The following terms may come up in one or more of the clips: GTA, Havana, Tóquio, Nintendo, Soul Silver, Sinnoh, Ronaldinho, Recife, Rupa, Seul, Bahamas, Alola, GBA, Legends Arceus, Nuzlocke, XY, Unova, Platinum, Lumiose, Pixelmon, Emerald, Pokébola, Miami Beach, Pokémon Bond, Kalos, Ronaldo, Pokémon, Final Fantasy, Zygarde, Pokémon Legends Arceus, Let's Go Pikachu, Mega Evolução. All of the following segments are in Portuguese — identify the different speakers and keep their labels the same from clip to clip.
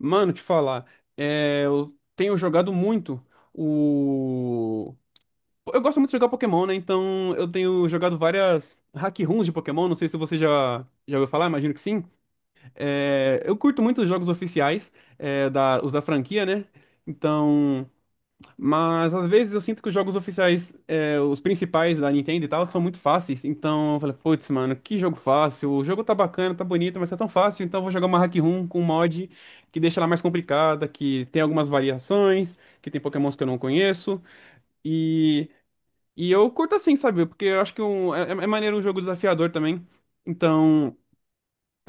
Speaker 1: Mano, te falar, eu tenho jogado muito o. Eu gosto muito de jogar Pokémon, né? Então eu tenho jogado várias hack runs de Pokémon. Não sei se você já ouviu falar, imagino que sim. É, eu curto muito os jogos oficiais, os da franquia, né? Então. Mas às vezes eu sinto que os jogos oficiais, os principais da Nintendo e tal, são muito fáceis. Então eu falei, putz, mano, que jogo fácil. O jogo tá bacana, tá bonito, mas tá tão fácil. Então eu vou jogar uma hack room com um mod que deixa ela mais complicada, que tem algumas variações, que tem Pokémons que eu não conheço. E, e eu curto assim, sabe? Porque eu acho que é maneiro um jogo desafiador também. Então.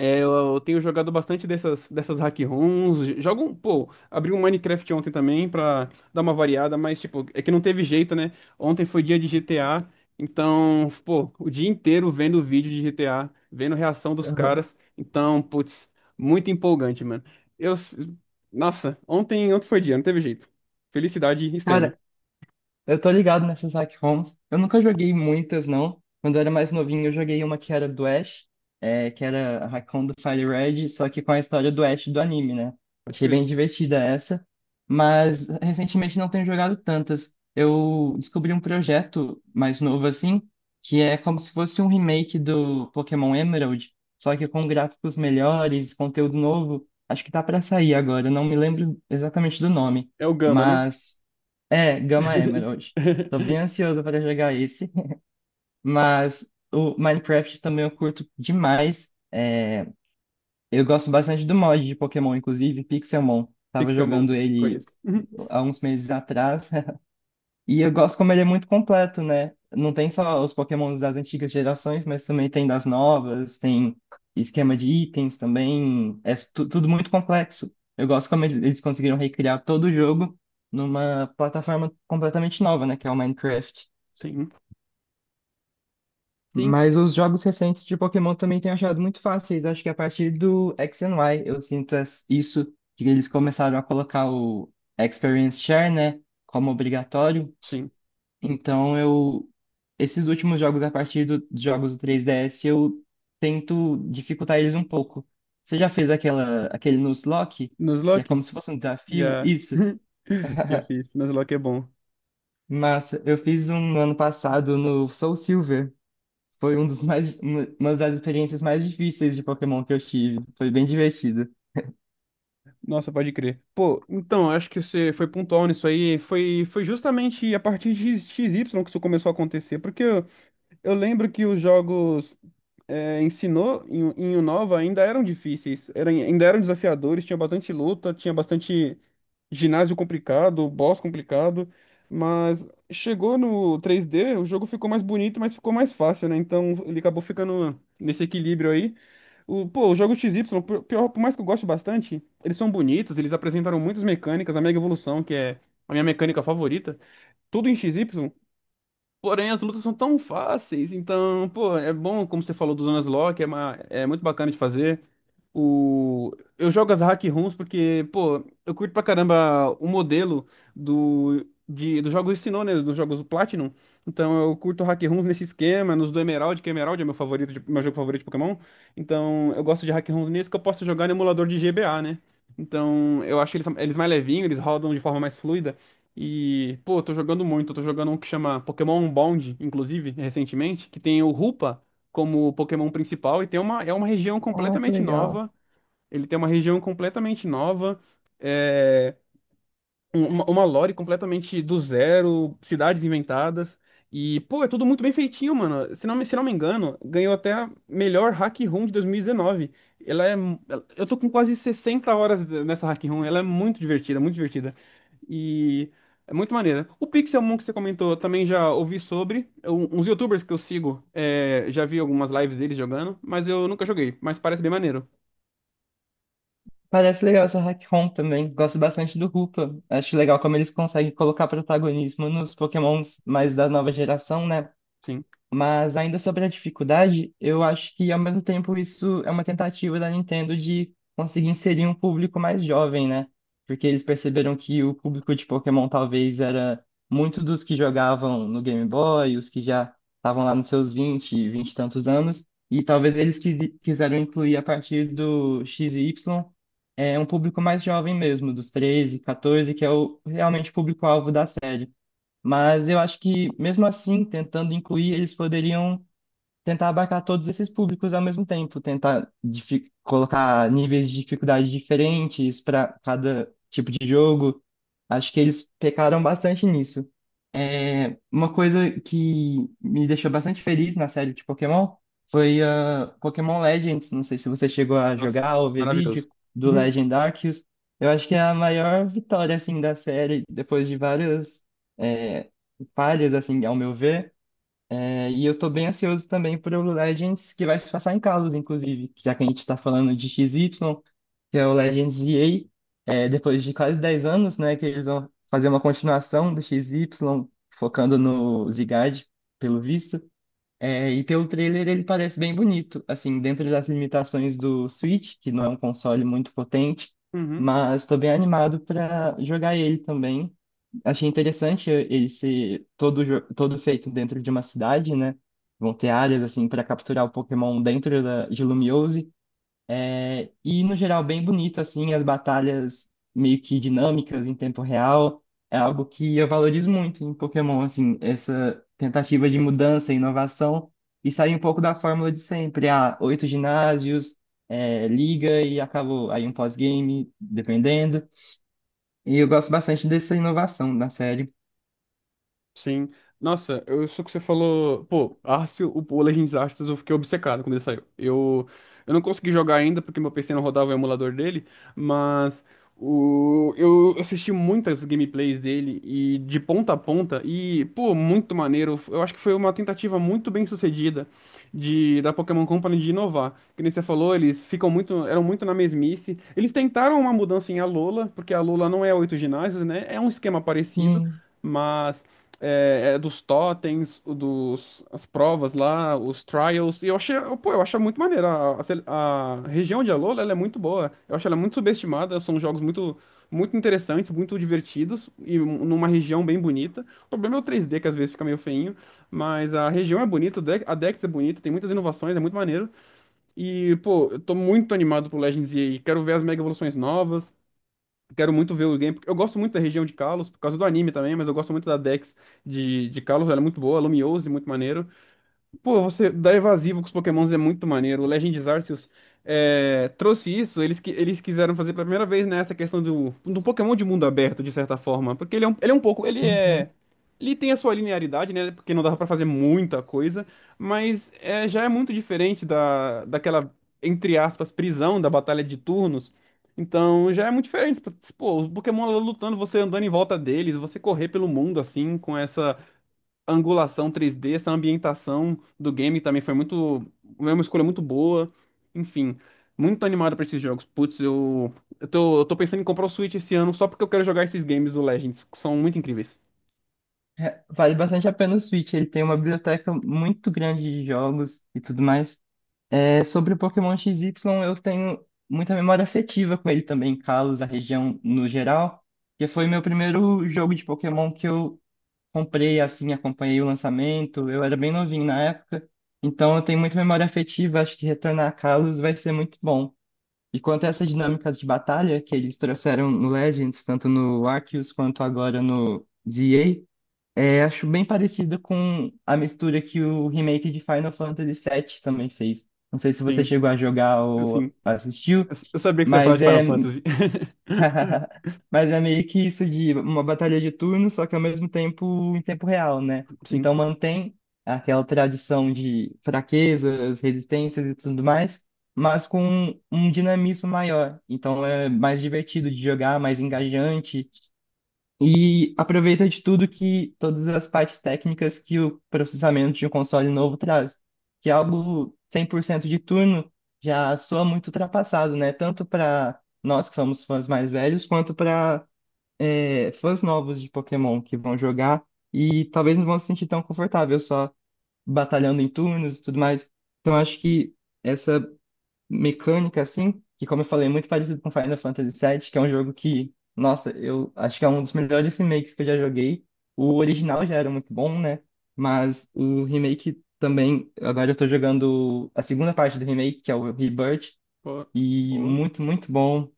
Speaker 1: Eu tenho jogado bastante dessas hack ROMs. Jogo, pô, abri um Minecraft ontem também pra dar uma variada, mas, tipo, é que não teve jeito, né? Ontem foi dia de GTA, então, pô, o dia inteiro vendo vídeo de GTA, vendo reação dos
Speaker 2: Aham.
Speaker 1: caras. Então, putz, muito empolgante, mano. Eu, s- nossa, ontem foi dia, não teve jeito. Felicidade extrema,
Speaker 2: Cara, eu tô ligado nessas hack ROMs. Eu nunca joguei muitas, não. Quando eu era mais novinho, eu joguei uma que era do Ash, que era a hack ROM do Fire Red, só que com a história do Ash do anime, né?
Speaker 1: pode
Speaker 2: Achei
Speaker 1: crer.
Speaker 2: bem divertida essa. Mas recentemente não tenho jogado tantas. Eu descobri um projeto mais novo assim, que é como se fosse um remake do Pokémon Emerald, só que com gráficos melhores, conteúdo novo. Acho que tá pra sair agora, eu não me lembro exatamente do nome.
Speaker 1: É o Gama, né?
Speaker 2: Mas É, Gama Emerald. Tô bem ansioso para jogar esse, mas o Minecraft também eu curto demais. Eu gosto bastante do mod de Pokémon, inclusive Pixelmon. Tava
Speaker 1: Pixelmon,
Speaker 2: jogando ele
Speaker 1: conheço. Uhum,
Speaker 2: há uns meses atrás. E eu gosto como ele é muito completo, né? Não tem só os Pokémons das antigas gerações, mas também tem das novas, tem esquema de itens também. É tudo muito complexo. Eu gosto como eles conseguiram recriar todo o jogo numa plataforma completamente nova, né? Que é o Minecraft.
Speaker 1: sim, sim,
Speaker 2: Mas os jogos recentes de Pokémon também tenho achado muito fáceis. Acho que a partir do X and Y eu sinto isso, que eles começaram a colocar o Experience Share, né? Como obrigatório.
Speaker 1: sim.
Speaker 2: Então eu esses últimos jogos a partir dos jogos do 3DS eu tento dificultar eles um pouco. Você já fez aquela aquele Nuzlocke, Lock, que é
Speaker 1: Nuzlocke?
Speaker 2: como se fosse um desafio?
Speaker 1: Já.
Speaker 2: Isso.
Speaker 1: Já fiz, mas logo é bom.
Speaker 2: Massa, eu fiz um no ano passado no Soul Silver. Foi um dos mais uma das experiências mais difíceis de Pokémon que eu tive. Foi bem divertido.
Speaker 1: Nossa, pode crer. Pô, então, acho que você foi pontual nisso aí. Foi justamente a partir de x y que isso começou a acontecer. Eu lembro que os jogos em Unova ainda eram difíceis, ainda eram desafiadores, tinha bastante luta, tinha bastante. Ginásio complicado, boss complicado, mas chegou no 3D, o jogo ficou mais bonito, mas ficou mais fácil, né? Então ele acabou ficando nesse equilíbrio aí. O jogo XY, por mais que eu goste bastante, eles são bonitos, eles apresentaram muitas mecânicas, a Mega Evolução, que é a minha mecânica favorita, tudo em XY, porém, as lutas são tão fáceis, então, pô, é bom, como você falou do Zonas Lock, é muito bacana de fazer. O... Eu jogo as hack ROMs porque, pô, eu curto pra caramba o modelo dos jogos Sinnoh, né? Dos jogos Platinum. Então eu curto hack ROMs nesse esquema, nos do Emerald, que Emerald é meu favorito, meu jogo favorito de Pokémon. Então eu gosto de hack ROMs nesse que eu posso jogar no emulador de GBA, né? Então eu acho eles mais levinhos, eles rodam de forma mais fluida. E, pô, eu tô jogando muito. Eu tô jogando um que chama Pokémon Bond, inclusive, recentemente, que tem o Rupa como Pokémon principal e tem é uma região
Speaker 2: Ah, que
Speaker 1: completamente
Speaker 2: legal.
Speaker 1: nova. Ele tem uma região completamente nova. é, uma lore completamente do zero, cidades inventadas. E, pô, é tudo muito bem feitinho, mano. Se não me engano, ganhou até a melhor Hack Room de 2019. Ela é. Mu- ela- Eu tô com quase 60 horas nessa Hack Room. Ela é muito divertida, muito divertida. E é muito maneira. O Pixelmon que você comentou, eu também já ouvi sobre. Uns YouTubers que eu sigo, já vi algumas lives deles jogando, mas eu nunca joguei. Mas parece bem maneiro.
Speaker 2: Parece legal essa hack ROM também. Gosto bastante do Rupa. Acho legal como eles conseguem colocar protagonismo nos Pokémons mais da nova geração, né?
Speaker 1: Sim.
Speaker 2: Mas ainda sobre a dificuldade, eu acho que ao mesmo tempo isso é uma tentativa da Nintendo de conseguir inserir um público mais jovem, né? Porque eles perceberam que o público de Pokémon talvez era muito dos que jogavam no Game Boy, os que já estavam lá nos seus 20, 20 e tantos anos, e talvez eles quiseram incluir a partir do X e Y um público mais jovem mesmo, dos 13, 14, que é o realmente o público-alvo da série. Mas eu acho que, mesmo assim, tentando incluir, eles poderiam tentar abarcar todos esses públicos ao mesmo tempo, tentar colocar níveis de dificuldade diferentes para cada tipo de jogo. Acho que eles pecaram bastante nisso. Uma coisa que me deixou bastante feliz na série de Pokémon foi a Pokémon Legends. Não sei se você chegou a
Speaker 1: Nossa,
Speaker 2: jogar ou ver
Speaker 1: maravilhoso.
Speaker 2: vídeo do
Speaker 1: Uhum.
Speaker 2: Legend Arceus. Eu acho que é a maior vitória assim da série depois de várias é, falhas assim, ao meu ver. É, e eu tô bem ansioso também pro Legends, que vai se passar em Kalos, inclusive, já que a gente tá falando de XY, que é o Legends EA, depois de quase 10 anos, né, que eles vão fazer uma continuação do XY, focando no Zygarde, pelo visto. É, e pelo trailer ele parece bem bonito, assim, dentro das limitações do Switch, que não é um console muito potente,
Speaker 1: Uhum.
Speaker 2: mas estou bem animado para jogar ele também. Achei interessante ele ser todo, todo feito dentro de uma cidade, né? Vão ter áreas assim para capturar o Pokémon dentro de Lumiose. E, no geral, bem bonito, assim, as batalhas meio que dinâmicas em tempo real. É algo que eu valorizo muito em Pokémon, assim, essa tentativa de mudança e inovação e sair um pouco da fórmula de sempre. Ah, oito ginásios, liga e acabou. Aí um pós-game, dependendo. E eu gosto bastante dessa inovação na série.
Speaker 1: Sim. Nossa, eu só que você falou. Pô, Arceus, o Legends Arceus, eu fiquei obcecado quando ele saiu. Eu não consegui jogar ainda porque meu PC não rodava o emulador dele, mas o, eu assisti muitas gameplays dele e de ponta a ponta, e, pô, muito maneiro. Eu acho que foi uma tentativa muito bem sucedida de da Pokémon Company de inovar. Que nem você falou, eles ficam eram muito na mesmice. Eles tentaram uma mudança em Alola, porque a Alola não é 8 ginásios, né? É um esquema parecido.
Speaker 2: Sim.
Speaker 1: Mas é dos totens, as provas lá, os trials. E eu achei, pô, eu acho muito maneiro. A região de Alola, ela é muito boa. Eu acho ela muito subestimada. São jogos muito interessantes, muito divertidos e numa região bem bonita. O problema é o 3D, que às vezes fica meio feinho, mas a região é bonita, a Dex é bonita, tem muitas inovações, é muito maneiro. E, pô, eu tô muito animado pro Legends EA. Quero ver as mega evoluções novas. Quero muito ver o game. Porque eu gosto muito da região de Kalos, por causa do anime também, mas eu gosto muito da Dex de Kalos, ela é muito boa, a Lumiose, muito maneiro. Pô, você dar evasivo com os Pokémons é muito maneiro. O Legends Arceus trouxe isso, eles quiseram fazer pela primeira vez, né, essa questão do Pokémon de mundo aberto, de certa forma. Porque ele é ele é um pouco. Ele é.
Speaker 2: Uhum.
Speaker 1: Ele tem a sua linearidade, né? Porque não dava pra fazer muita coisa, mas já é muito diferente daquela, entre aspas, prisão da batalha de turnos. Então já é muito diferente. Pô, os Pokémon lá lutando, você andando em volta deles, você correr pelo mundo assim, com essa a angulação 3D, essa ambientação do game também foi muito, foi uma escolha muito boa. Enfim, muito animado pra esses jogos. Eu tô pensando em comprar o Switch esse ano só porque eu quero jogar esses games do Legends, que são muito incríveis.
Speaker 2: É, vale bastante a pena o Switch. Ele tem uma biblioteca muito grande de jogos e tudo mais. É, sobre o Pokémon XY, eu tenho muita memória afetiva com ele também, Kalos, a região no geral, que foi meu primeiro jogo de Pokémon que eu comprei, assim, acompanhei o lançamento, eu era bem novinho na época, então eu tenho muita memória afetiva, acho que retornar a Kalos vai ser muito bom. E quanto a essas dinâmicas de batalha que eles trouxeram no Legends, tanto no Arceus quanto agora no ZA, acho bem parecido com a mistura que o remake de Final Fantasy VII também fez. Não sei se você
Speaker 1: Sim,
Speaker 2: chegou a jogar ou
Speaker 1: sim.
Speaker 2: assistiu,
Speaker 1: Eu sabia que você ia falar
Speaker 2: mas
Speaker 1: de Final Fantasy.
Speaker 2: mas é meio que isso de uma batalha de turno, só que ao mesmo tempo em tempo real, né?
Speaker 1: Sim.
Speaker 2: Então mantém aquela tradição de fraquezas, resistências e tudo mais, mas com um dinamismo maior. Então é mais divertido de jogar, mais engajante e aproveita de tudo que todas as partes técnicas que o processamento de um console novo traz, que é algo 100% de turno já soa muito ultrapassado, né? Tanto para nós que somos fãs mais velhos, quanto para fãs novos de Pokémon que vão jogar e talvez não vão se sentir tão confortável só batalhando em turnos e tudo mais. Então acho que essa mecânica, assim, que como eu falei, é muito parecido com Final Fantasy VII, que é um jogo que, nossa, eu acho que é um dos melhores remakes que eu já joguei. O original já era muito bom, né? Mas o remake também, agora eu tô jogando a segunda parte do remake, que é o Rebirth,
Speaker 1: Boa.
Speaker 2: e
Speaker 1: Boa.
Speaker 2: muito, muito bom.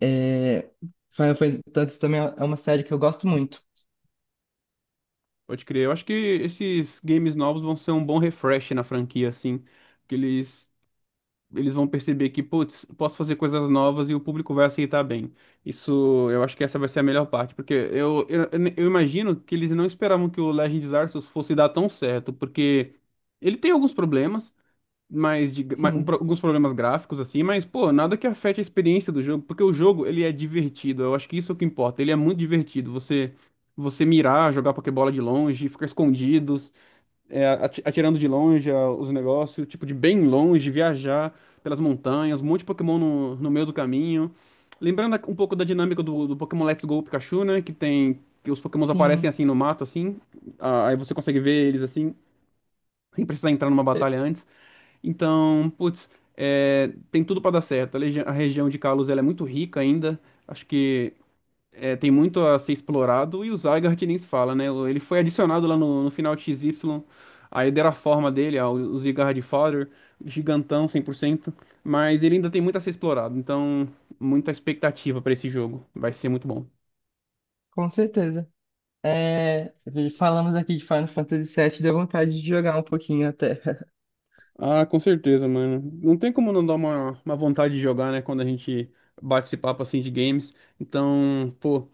Speaker 2: É... Final Fantasy também é uma série que eu gosto muito.
Speaker 1: Pode crer. Eu acho que esses games novos vão ser um bom refresh na franquia, assim. Porque eles eles vão perceber que, putz, posso fazer coisas novas e o público vai aceitar bem. Isso, eu acho que essa vai ser a melhor parte, eu imagino que eles não esperavam que o Legend of Arceus fosse dar tão certo, porque ele tem alguns problemas, mas
Speaker 2: Sim,
Speaker 1: alguns problemas gráficos assim, mas pô, nada que afete a experiência do jogo, porque o jogo ele é divertido. Eu acho que isso é o que importa. Ele é muito divertido. Você mirar, jogar Pokébola de longe, ficar escondido, atirando de longe os negócios, tipo, de bem longe, viajar pelas montanhas, um monte de Pokémon no meio do caminho. Lembrando um pouco da dinâmica do Pokémon Let's Go Pikachu, né? Que tem. Que os Pokémons aparecem
Speaker 2: sim,
Speaker 1: assim no mato, assim. Aí você consegue ver eles assim, sem precisar entrar numa
Speaker 2: é,
Speaker 1: batalha antes. Então, putz, tem tudo pra dar certo. A região de Kalos, ela é muito rica ainda. Acho que tem muito a ser explorado, e o Zygarde que nem se fala, né? Ele foi adicionado lá no final de X Y aí deram a forma dele, ó, o Zygarde Father, gigantão 100%, mas ele ainda tem muito a ser explorado, então muita expectativa pra esse jogo, vai ser muito bom.
Speaker 2: com certeza. É, falamos aqui de Final Fantasy VII, deu vontade de jogar um pouquinho até.
Speaker 1: Ah, com certeza, mano. Não tem como não dar uma vontade de jogar, né, quando a gente bate esse papo assim de games. Então, pô,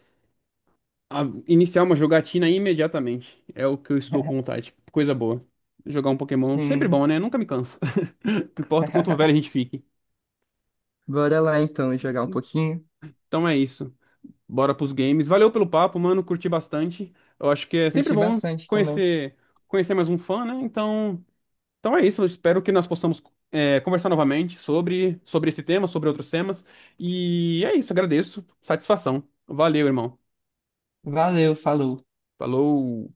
Speaker 1: iniciar uma jogatina imediatamente. É o que eu estou com vontade. Coisa boa. Jogar um Pokémon, sempre
Speaker 2: Sim.
Speaker 1: bom, né? Nunca me cansa. Não importa o quanto velho a gente fique.
Speaker 2: Bora lá então jogar um pouquinho.
Speaker 1: Então é isso. Bora pros games. Valeu pelo papo, mano. Curti bastante. Eu acho que é sempre
Speaker 2: Curti
Speaker 1: bom
Speaker 2: bastante também.
Speaker 1: conhecer conhecer mais um fã, né? Então é isso. Eu espero que nós possamos conversar novamente sobre esse tema, sobre outros temas. E é isso. Agradeço. Satisfação. Valeu, irmão.
Speaker 2: Valeu, falou.
Speaker 1: Falou.